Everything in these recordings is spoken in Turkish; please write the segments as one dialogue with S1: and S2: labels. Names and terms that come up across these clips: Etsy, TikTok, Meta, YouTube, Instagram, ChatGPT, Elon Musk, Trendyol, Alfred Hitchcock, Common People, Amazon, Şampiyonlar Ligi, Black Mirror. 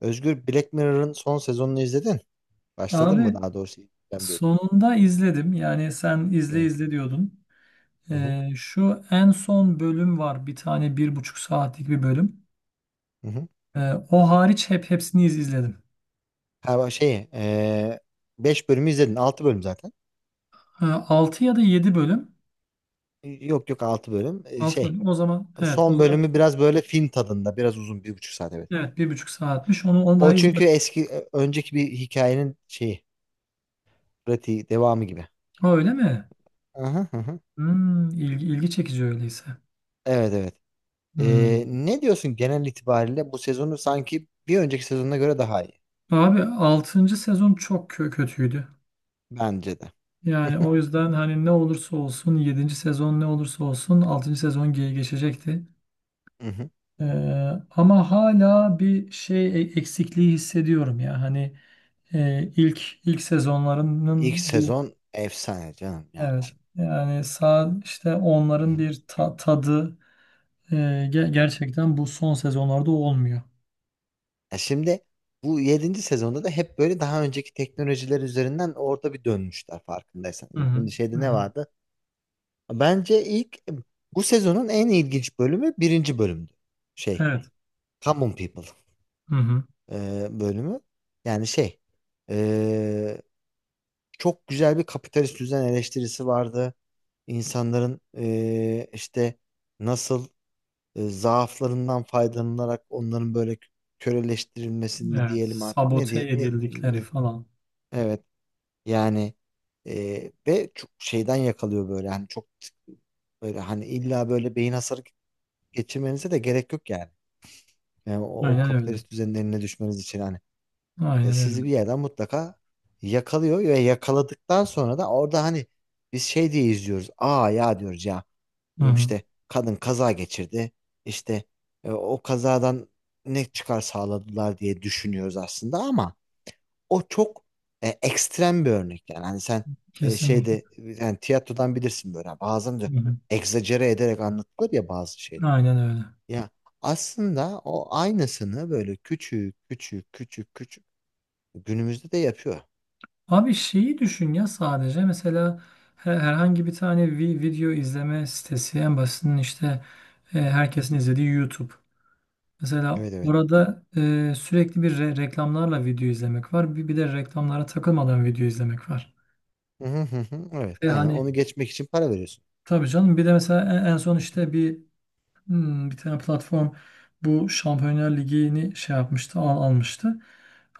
S1: Özgür Black Mirror'ın son sezonunu izledin. Başladın
S2: Abi
S1: mı daha doğrusu? İzleyeceğim diyordun.
S2: sonunda izledim. Yani sen izle
S1: Evet.
S2: izle diyordun.
S1: Hı hı.
S2: Şu en son bölüm var. Bir tane bir buçuk saatlik bir bölüm.
S1: Hı hı.
S2: O hariç hepsini izledim.
S1: Ha, bak şey, 5 bölümü izledin. 6 bölüm zaten.
S2: Ha, 6 ya da 7 bölüm.
S1: Yok yok, 6 bölüm.
S2: 6
S1: Şey,
S2: bölüm. O zaman evet o
S1: son
S2: zaman
S1: bölümü biraz böyle film tadında. Biraz uzun. 1,5 saat, evet.
S2: evet bir buçuk saatmiş. Onu daha
S1: O çünkü
S2: izledim.
S1: eski, önceki bir hikayenin şeyi. Pratiği, devamı gibi.
S2: Ha, öyle mi?
S1: Hı hı hı hı.
S2: Hmm, ilgi çekici öyleyse.
S1: Evet evet.
S2: Hmm. Evet.
S1: Ne diyorsun genel itibariyle bu sezonu sanki bir önceki sezonuna göre daha iyi.
S2: Abi altıncı sezon çok kötüydü.
S1: Bence de.
S2: Yani o yüzden hani ne olursa olsun yedinci sezon ne olursa olsun altıncı sezon geçecekti.
S1: Hı hı.
S2: Ee, ama hala bir şey eksikliği hissediyorum ya. Hani ilk
S1: İlk
S2: sezonlarının bir
S1: sezon efsane canım, yani
S2: evet,
S1: şimdi.
S2: yani sağ işte onların bir tadı e, ge-
S1: Yok yok.
S2: gerçekten bu son sezonlarda olmuyor.
S1: Ya şimdi bu yedinci sezonda da hep böyle daha önceki teknolojiler üzerinden orada bir dönmüşler, farkındaysan.
S2: Hı hı,
S1: Şimdi
S2: hı
S1: şeyde ne
S2: hı.
S1: vardı? Bence ilk, bu sezonun en ilginç bölümü birinci bölümdü. Şey,
S2: Evet.
S1: Common People
S2: Hı hı,
S1: bölümü. Yani şey, e, çok güzel bir kapitalist düzen eleştirisi vardı. İnsanların işte nasıl zaaflarından faydalanarak onların böyle köleleştirilmesi mi
S2: evet.
S1: diyelim artık, ne
S2: Sabote
S1: diye,
S2: edildikleri falan.
S1: Evet, yani ve çok şeyden yakalıyor böyle, hani çok böyle, hani illa böyle beyin hasarı geçirmenize de gerek yok yani. Yani o
S2: Aynen öyle.
S1: kapitalist düzenin eline düşmeniz için, hani
S2: Aynen öyle.
S1: sizi bir yerden mutlaka yakalıyor ve yakaladıktan sonra da orada hani biz şey diye izliyoruz. Aa ya, diyoruz ya
S2: Hı hı.
S1: işte kadın kaza geçirdi, işte o kazadan ne çıkar sağladılar diye düşünüyoruz aslında ama o çok ekstrem bir örnek, yani hani sen
S2: Kesinlikle.
S1: şeyde, yani tiyatrodan bilirsin böyle. Yani bazen de
S2: Hı hı.
S1: egzajere ederek anlatılır ya bazı şeyler.
S2: Aynen öyle.
S1: Ya aslında o aynısını böyle küçük küçük küçük küçük günümüzde de yapıyor.
S2: Abi şeyi düşün ya, sadece mesela herhangi bir tane video izleme sitesi en basitinin işte,
S1: Hı hı.
S2: herkesin izlediği YouTube. Mesela
S1: Evet evet.
S2: orada sürekli bir reklamlarla video izlemek var. Bir de reklamlara takılmadan video izlemek var.
S1: Hı hı hı hı. Evet,
S2: Ve
S1: aynen
S2: hani
S1: onu geçmek için para veriyorsun.
S2: tabii canım, bir de mesela en son işte bir tane platform bu Şampiyonlar Ligi'ni şey yapmıştı, almıştı.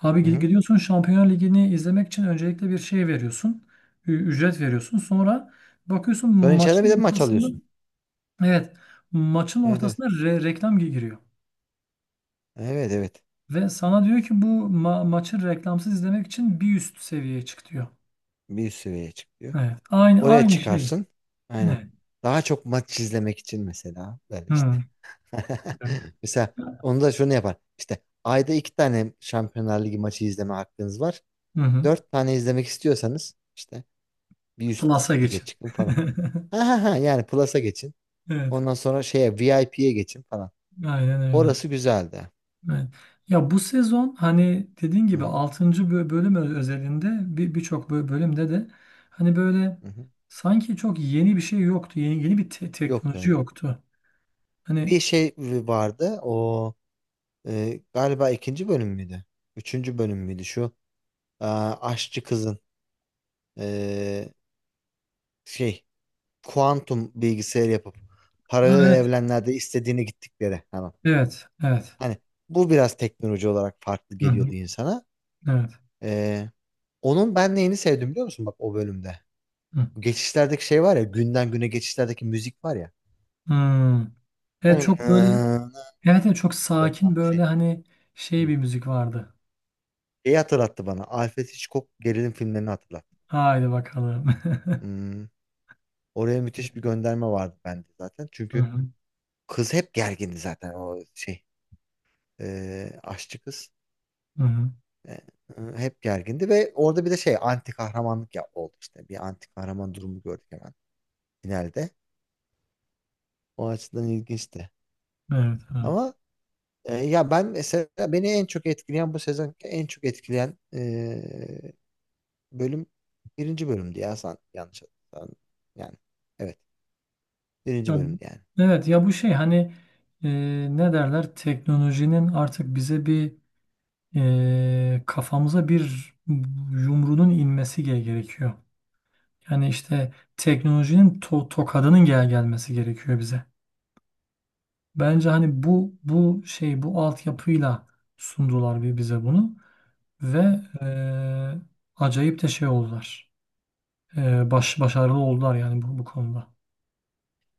S2: Abi
S1: Hı
S2: gid-
S1: hı.
S2: gidiyorsun Şampiyonlar Ligi'ni izlemek için öncelikle bir şey veriyorsun. Ücret veriyorsun. Sonra bakıyorsun
S1: Sonra içeride bir de
S2: maçın
S1: maç
S2: ortasında,
S1: alıyorsun.
S2: evet, maçın
S1: Evet evet.
S2: ortasında reklam giriyor.
S1: Evet evet.
S2: Ve sana diyor ki bu maçı reklamsız izlemek için bir üst seviyeye çık diyor.
S1: Bir üst seviyeye çıkıyor.
S2: Evet. Aynı
S1: Oraya
S2: aynı şey.
S1: çıkarsın. Aynen.
S2: Ne?
S1: Daha çok maç izlemek için mesela, böyle işte.
S2: Hmm. Evet.
S1: Mesela onu da şunu yapar. İşte ayda iki tane Şampiyonlar Ligi maçı izleme hakkınız var.
S2: Hı hı.
S1: Dört tane izlemek istiyorsanız işte bir üst
S2: Plus'a
S1: lige
S2: geçin.
S1: çıkın falan. Ha ha ha, yani Plus'a geçin.
S2: Evet.
S1: Ondan sonra şeye VIP'ye geçin falan.
S2: Aynen öyle.
S1: Orası güzeldi.
S2: Evet. Ya bu sezon hani dediğin
S1: Hı
S2: gibi
S1: hı,
S2: altıncı bölüm özelinde birçok bölümde de hani böyle
S1: hı hı.
S2: sanki çok yeni bir şey yoktu. Yeni yeni bir teknoloji
S1: Yoktu.
S2: yoktu. Hani
S1: Bir şey vardı o, galiba ikinci bölüm müydü? Üçüncü bölüm müydü şu? Aa, aşçı kızın e, şey, kuantum bilgisayar yapıp
S2: ha,
S1: paralel
S2: evet.
S1: evrenlerde istediğini gittikleri hemen.
S2: Evet. Evet.
S1: Hani bu biraz teknoloji olarak farklı
S2: Hı
S1: geliyordu
S2: hı.
S1: insana.
S2: Evet.
S1: Ee, onun ben neyini sevdim biliyor musun, bak, o bölümde?
S2: Hı.
S1: Bu geçişlerdeki şey var ya, günden güne geçişlerdeki müzik var ya.
S2: Hmm. Evet,
S1: Evet,
S2: çok böyle evet, evet çok sakin
S1: tam bir
S2: böyle
S1: şey.
S2: hani şey
S1: Hı.
S2: bir müzik vardı.
S1: Şeyi hatırlattı bana. Alfred Hitchcock gerilim filmlerini hatırlattı.
S2: Haydi bakalım.
S1: Hmm, oraya müthiş bir gönderme vardı bende zaten.
S2: Hı
S1: Çünkü
S2: hı.
S1: kız hep gergindi zaten o şey. Aşçı kız.
S2: Hı hı.
S1: E, hep gergindi ve orada bir de şey, anti kahramanlık ya, oldu işte. Bir anti kahraman durumu gördük hemen finalde. O açıdan ilginçti.
S2: Evet. Evet.
S1: Ama ya ben mesela beni en çok etkileyen bu sezon, en çok etkileyen bölüm birinci bölümdü ya, sen yanlış hatırlamıyorsan. Yani evet, birinci
S2: Ya,
S1: bölümdü yani.
S2: evet, ya bu şey hani e, ne derler, teknolojinin artık bize bir, kafamıza bir yumruğunun inmesi gerekiyor. Yani işte teknolojinin tokadının gelmesi gerekiyor bize. Bence hani bu şey, bu altyapıyla sundular bize bunu ve acayip de şey oldular. Başarılı oldular yani bu konuda.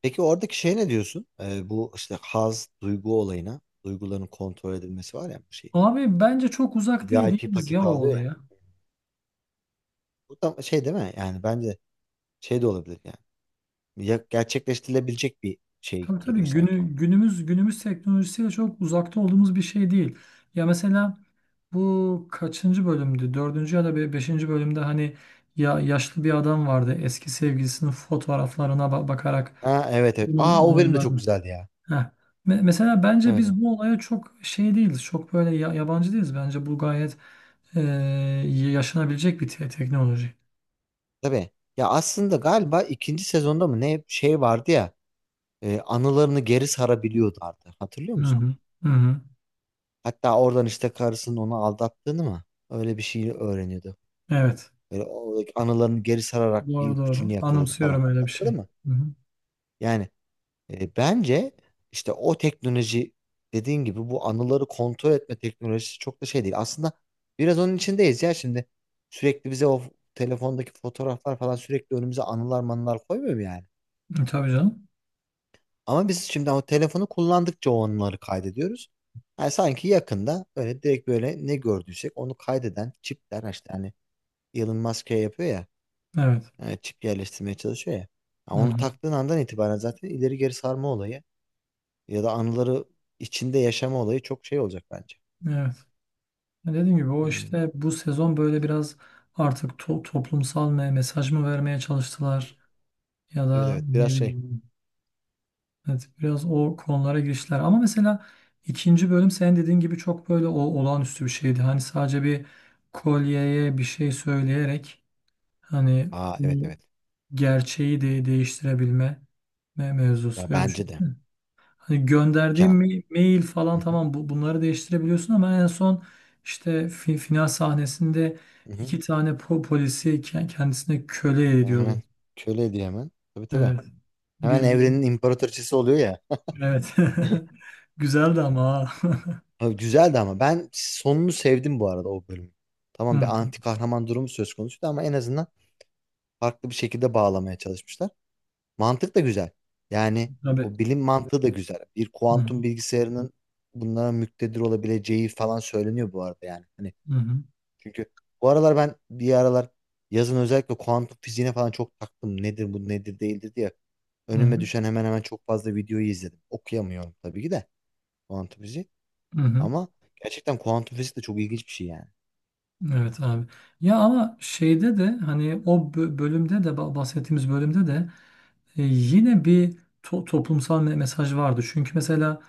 S1: Peki oradaki şey ne diyorsun? Bu işte haz duygu olayına, duyguların kontrol edilmesi var ya, bu şey.
S2: Abi bence çok uzak değil
S1: VIP
S2: değiliz ya
S1: paketi
S2: o
S1: alıyor ya.
S2: olaya.
S1: Bu da şey değil mi? Yani bence şey de olabilir yani. Ya- gerçekleştirilebilecek bir şey
S2: Tabii
S1: gibi
S2: tabii,
S1: duruyor sanki.
S2: günümüz teknolojisiyle çok uzakta olduğumuz bir şey değil. Ya mesela bu kaçıncı bölümdü? Dördüncü ya da beşinci bölümde hani ya yaşlı bir adam vardı. Eski sevgilisinin fotoğraflarına bakarak
S1: Ha evet evet.
S2: bunun
S1: Aa o bölüm de çok
S2: anılarını.
S1: güzeldi ya.
S2: Heh. Mesela bence
S1: Evet evet.
S2: biz bu olaya çok şey değiliz. Çok böyle yabancı değiliz. Bence bu gayet eee, yaşanabilecek bir teknoloji.
S1: Tabii. Ya aslında galiba ikinci sezonda mı ne, şey vardı ya. Anılarını geri sarabiliyordu artık. Hatırlıyor
S2: Hı
S1: musun?
S2: hı. Hı hı.
S1: Hatta oradan işte karısının onu aldattığını mı? Öyle bir şey öğreniyordu.
S2: Evet.
S1: Böyle o anılarını geri sararak bir
S2: Doğru doğru.
S1: ipucunu yakaladı falan.
S2: Anımsıyorum öyle bir
S1: Hatırladın
S2: şey.
S1: mı?
S2: Hı hı.
S1: Yani bence işte o teknoloji, dediğin gibi bu anıları kontrol etme teknolojisi çok da şey değil. Aslında biraz onun içindeyiz ya şimdi. Sürekli bize o telefondaki fotoğraflar falan sürekli önümüze anılar manılar koymuyor mu yani?
S2: Tabii canım.
S1: Ama biz şimdi o telefonu kullandıkça o anıları kaydediyoruz. Yani sanki yakında böyle direkt böyle ne gördüysek onu kaydeden çipler, işte hani Elon Musk şey yapıyor ya,
S2: Evet.
S1: çip yerleştirmeye çalışıyor ya. Ya
S2: Hı
S1: onu
S2: hı.
S1: taktığın andan itibaren zaten ileri geri sarma olayı ya da anıları içinde yaşama olayı çok şey olacak bence.
S2: Evet. Ya, dediğim gibi o
S1: Hmm,
S2: işte bu sezon böyle biraz artık toplumsal mesaj mı vermeye çalıştılar ya
S1: evet
S2: da
S1: evet biraz
S2: ne
S1: şey.
S2: bileyim, evet, biraz o konulara girişler. Ama mesela ikinci bölüm senin dediğin gibi çok böyle olağanüstü bir şeydi. Hani sadece bir kolyeye bir şey söyleyerek hani
S1: Aa evet
S2: bunu,
S1: evet.
S2: gerçeği de değiştirebilme me-
S1: Ya
S2: mevzusu. Ya düşün.
S1: bence de.
S2: Hani gönderdiğin
S1: Ya.
S2: mail
S1: Hı
S2: falan,
S1: hı,
S2: tamam, bunları değiştirebiliyorsun ama en son işte final sahnesinde
S1: hı hı.
S2: iki tane polisi kendisine köle
S1: Yani hemen
S2: ediyordu.
S1: köle ediyor hemen. Tabii tabii.
S2: Evet.
S1: Hemen
S2: Bildiğim.
S1: evrenin imparatoriçesi oluyor ya.
S2: Evet. Güzeldi ama. Ha.
S1: Abi güzeldi ama, ben sonunu sevdim bu arada o bölümü.
S2: Hı
S1: Tamam, bir
S2: hı.
S1: anti kahraman durumu söz konusuydu ama en azından farklı bir şekilde bağlamaya çalışmışlar. Mantık da güzel. Yani
S2: Tabii.
S1: o bilim mantığı da güzel. Bir
S2: Hı hı.
S1: kuantum bilgisayarının bunlara müktedir olabileceği falan söyleniyor bu arada yani. Hani
S2: Hı hı.
S1: çünkü bu aralar ben, bir aralar yazın özellikle kuantum fiziğine falan çok taktım. Nedir bu, nedir değildir diye.
S2: Hı
S1: Önüme
S2: hı.
S1: düşen hemen hemen çok fazla videoyu izledim. Okuyamıyorum tabii ki de kuantum fiziği.
S2: Hı hı.
S1: Ama gerçekten kuantum fizik de çok ilginç bir şey yani.
S2: Evet abi. Ya ama şeyde de hani o bölümde de bahsettiğimiz bölümde de yine bir toplumsal mesaj vardı. Çünkü mesela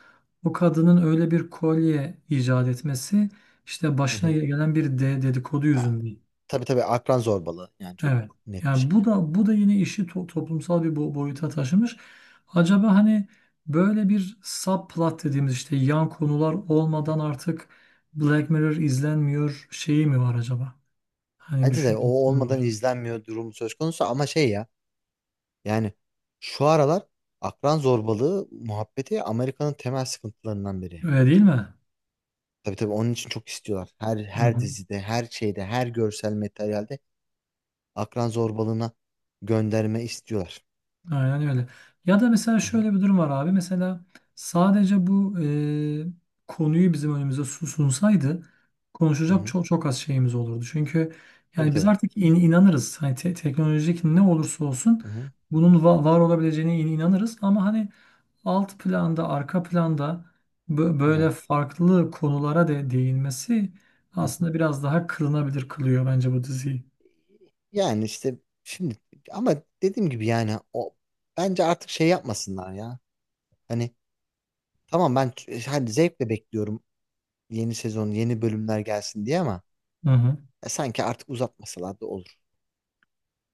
S2: o kadının öyle bir kolye icat etmesi işte
S1: Hı
S2: başına
S1: hı.
S2: gelen bir de dedikodu
S1: Ya,
S2: yüzünden.
S1: tabii tabii akran zorbalığı yani, çok
S2: Evet.
S1: net bir
S2: Yani bu
S1: şekilde.
S2: da bu da yine işi toplumsal bir boyuta taşımış. Acaba hani böyle bir subplot dediğimiz işte yan konular
S1: Hı hı.
S2: olmadan artık Black Mirror izlenmiyor şeyi mi var acaba? Hani
S1: Bence de o
S2: düşüncesi
S1: olmadan
S2: var.
S1: izlenmiyor durumu söz konusu, ama şey ya, yani şu aralar akran zorbalığı muhabbeti Amerika'nın temel sıkıntılarından biri yani.
S2: Öyle değil mi?
S1: Tabii tabii onun için çok istiyorlar. Her
S2: Hı
S1: her
S2: hı.
S1: dizide, her şeyde, her görsel materyalde akran zorbalığına gönderme istiyorlar.
S2: Aynen öyle. Ya da mesela
S1: Hı hı,
S2: şöyle bir durum var abi. Mesela sadece bu konuyu bizim önümüze sunsaydı
S1: hı
S2: konuşacak
S1: hı.
S2: çok çok az şeyimiz olurdu. Çünkü
S1: Tabii
S2: yani biz
S1: tabii.
S2: artık inanırız. Hani teknolojik ne olursa olsun
S1: Hı hı,
S2: bunun var olabileceğine inanırız. Ama hani alt planda, arka planda böyle
S1: evet.
S2: farklı konulara değinmesi
S1: Hı hı.
S2: aslında biraz daha kılınabilir kılıyor bence bu diziyi.
S1: Yani işte şimdi, ama dediğim gibi yani, o bence artık şey yapmasınlar ya. Hani tamam, ben hani zevkle bekliyorum yeni sezon, yeni bölümler gelsin diye, ama
S2: Hı hı.
S1: sanki artık uzatmasalar da olur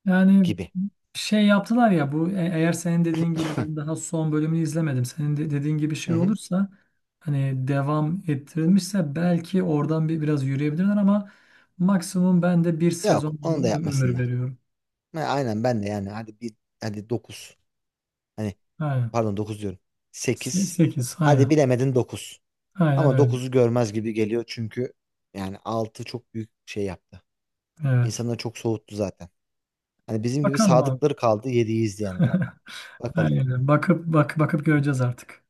S2: Yani
S1: gibi.
S2: şey yaptılar ya bu, eğer senin dediğin gibi, ben daha son bölümünü izlemedim. Senin de dediğin gibi
S1: Hı
S2: şey
S1: hı.
S2: olursa hani devam ettirilmişse belki oradan biraz yürüyebilirler ama maksimum ben de bir sezon
S1: Yok, onu da
S2: ömür
S1: yapmasınlar.
S2: veriyorum.
S1: Ha, aynen ben de, yani hadi bir, hadi 9. Hani
S2: Aynen.
S1: pardon, 9 diyorum. Sekiz.
S2: Sekiz,
S1: Hadi
S2: aynen.
S1: bilemedin 9.
S2: Aynen
S1: Ama
S2: öyle.
S1: dokuzu görmez gibi geliyor çünkü yani 6 çok büyük şey yaptı.
S2: Evet.
S1: İnsanları çok soğuttu zaten. Hani bizim gibi
S2: Bakalım abi.
S1: sadıkları kaldı 7'yi izleyenler. Bakalım.
S2: Aynen. Bakıp göreceğiz artık.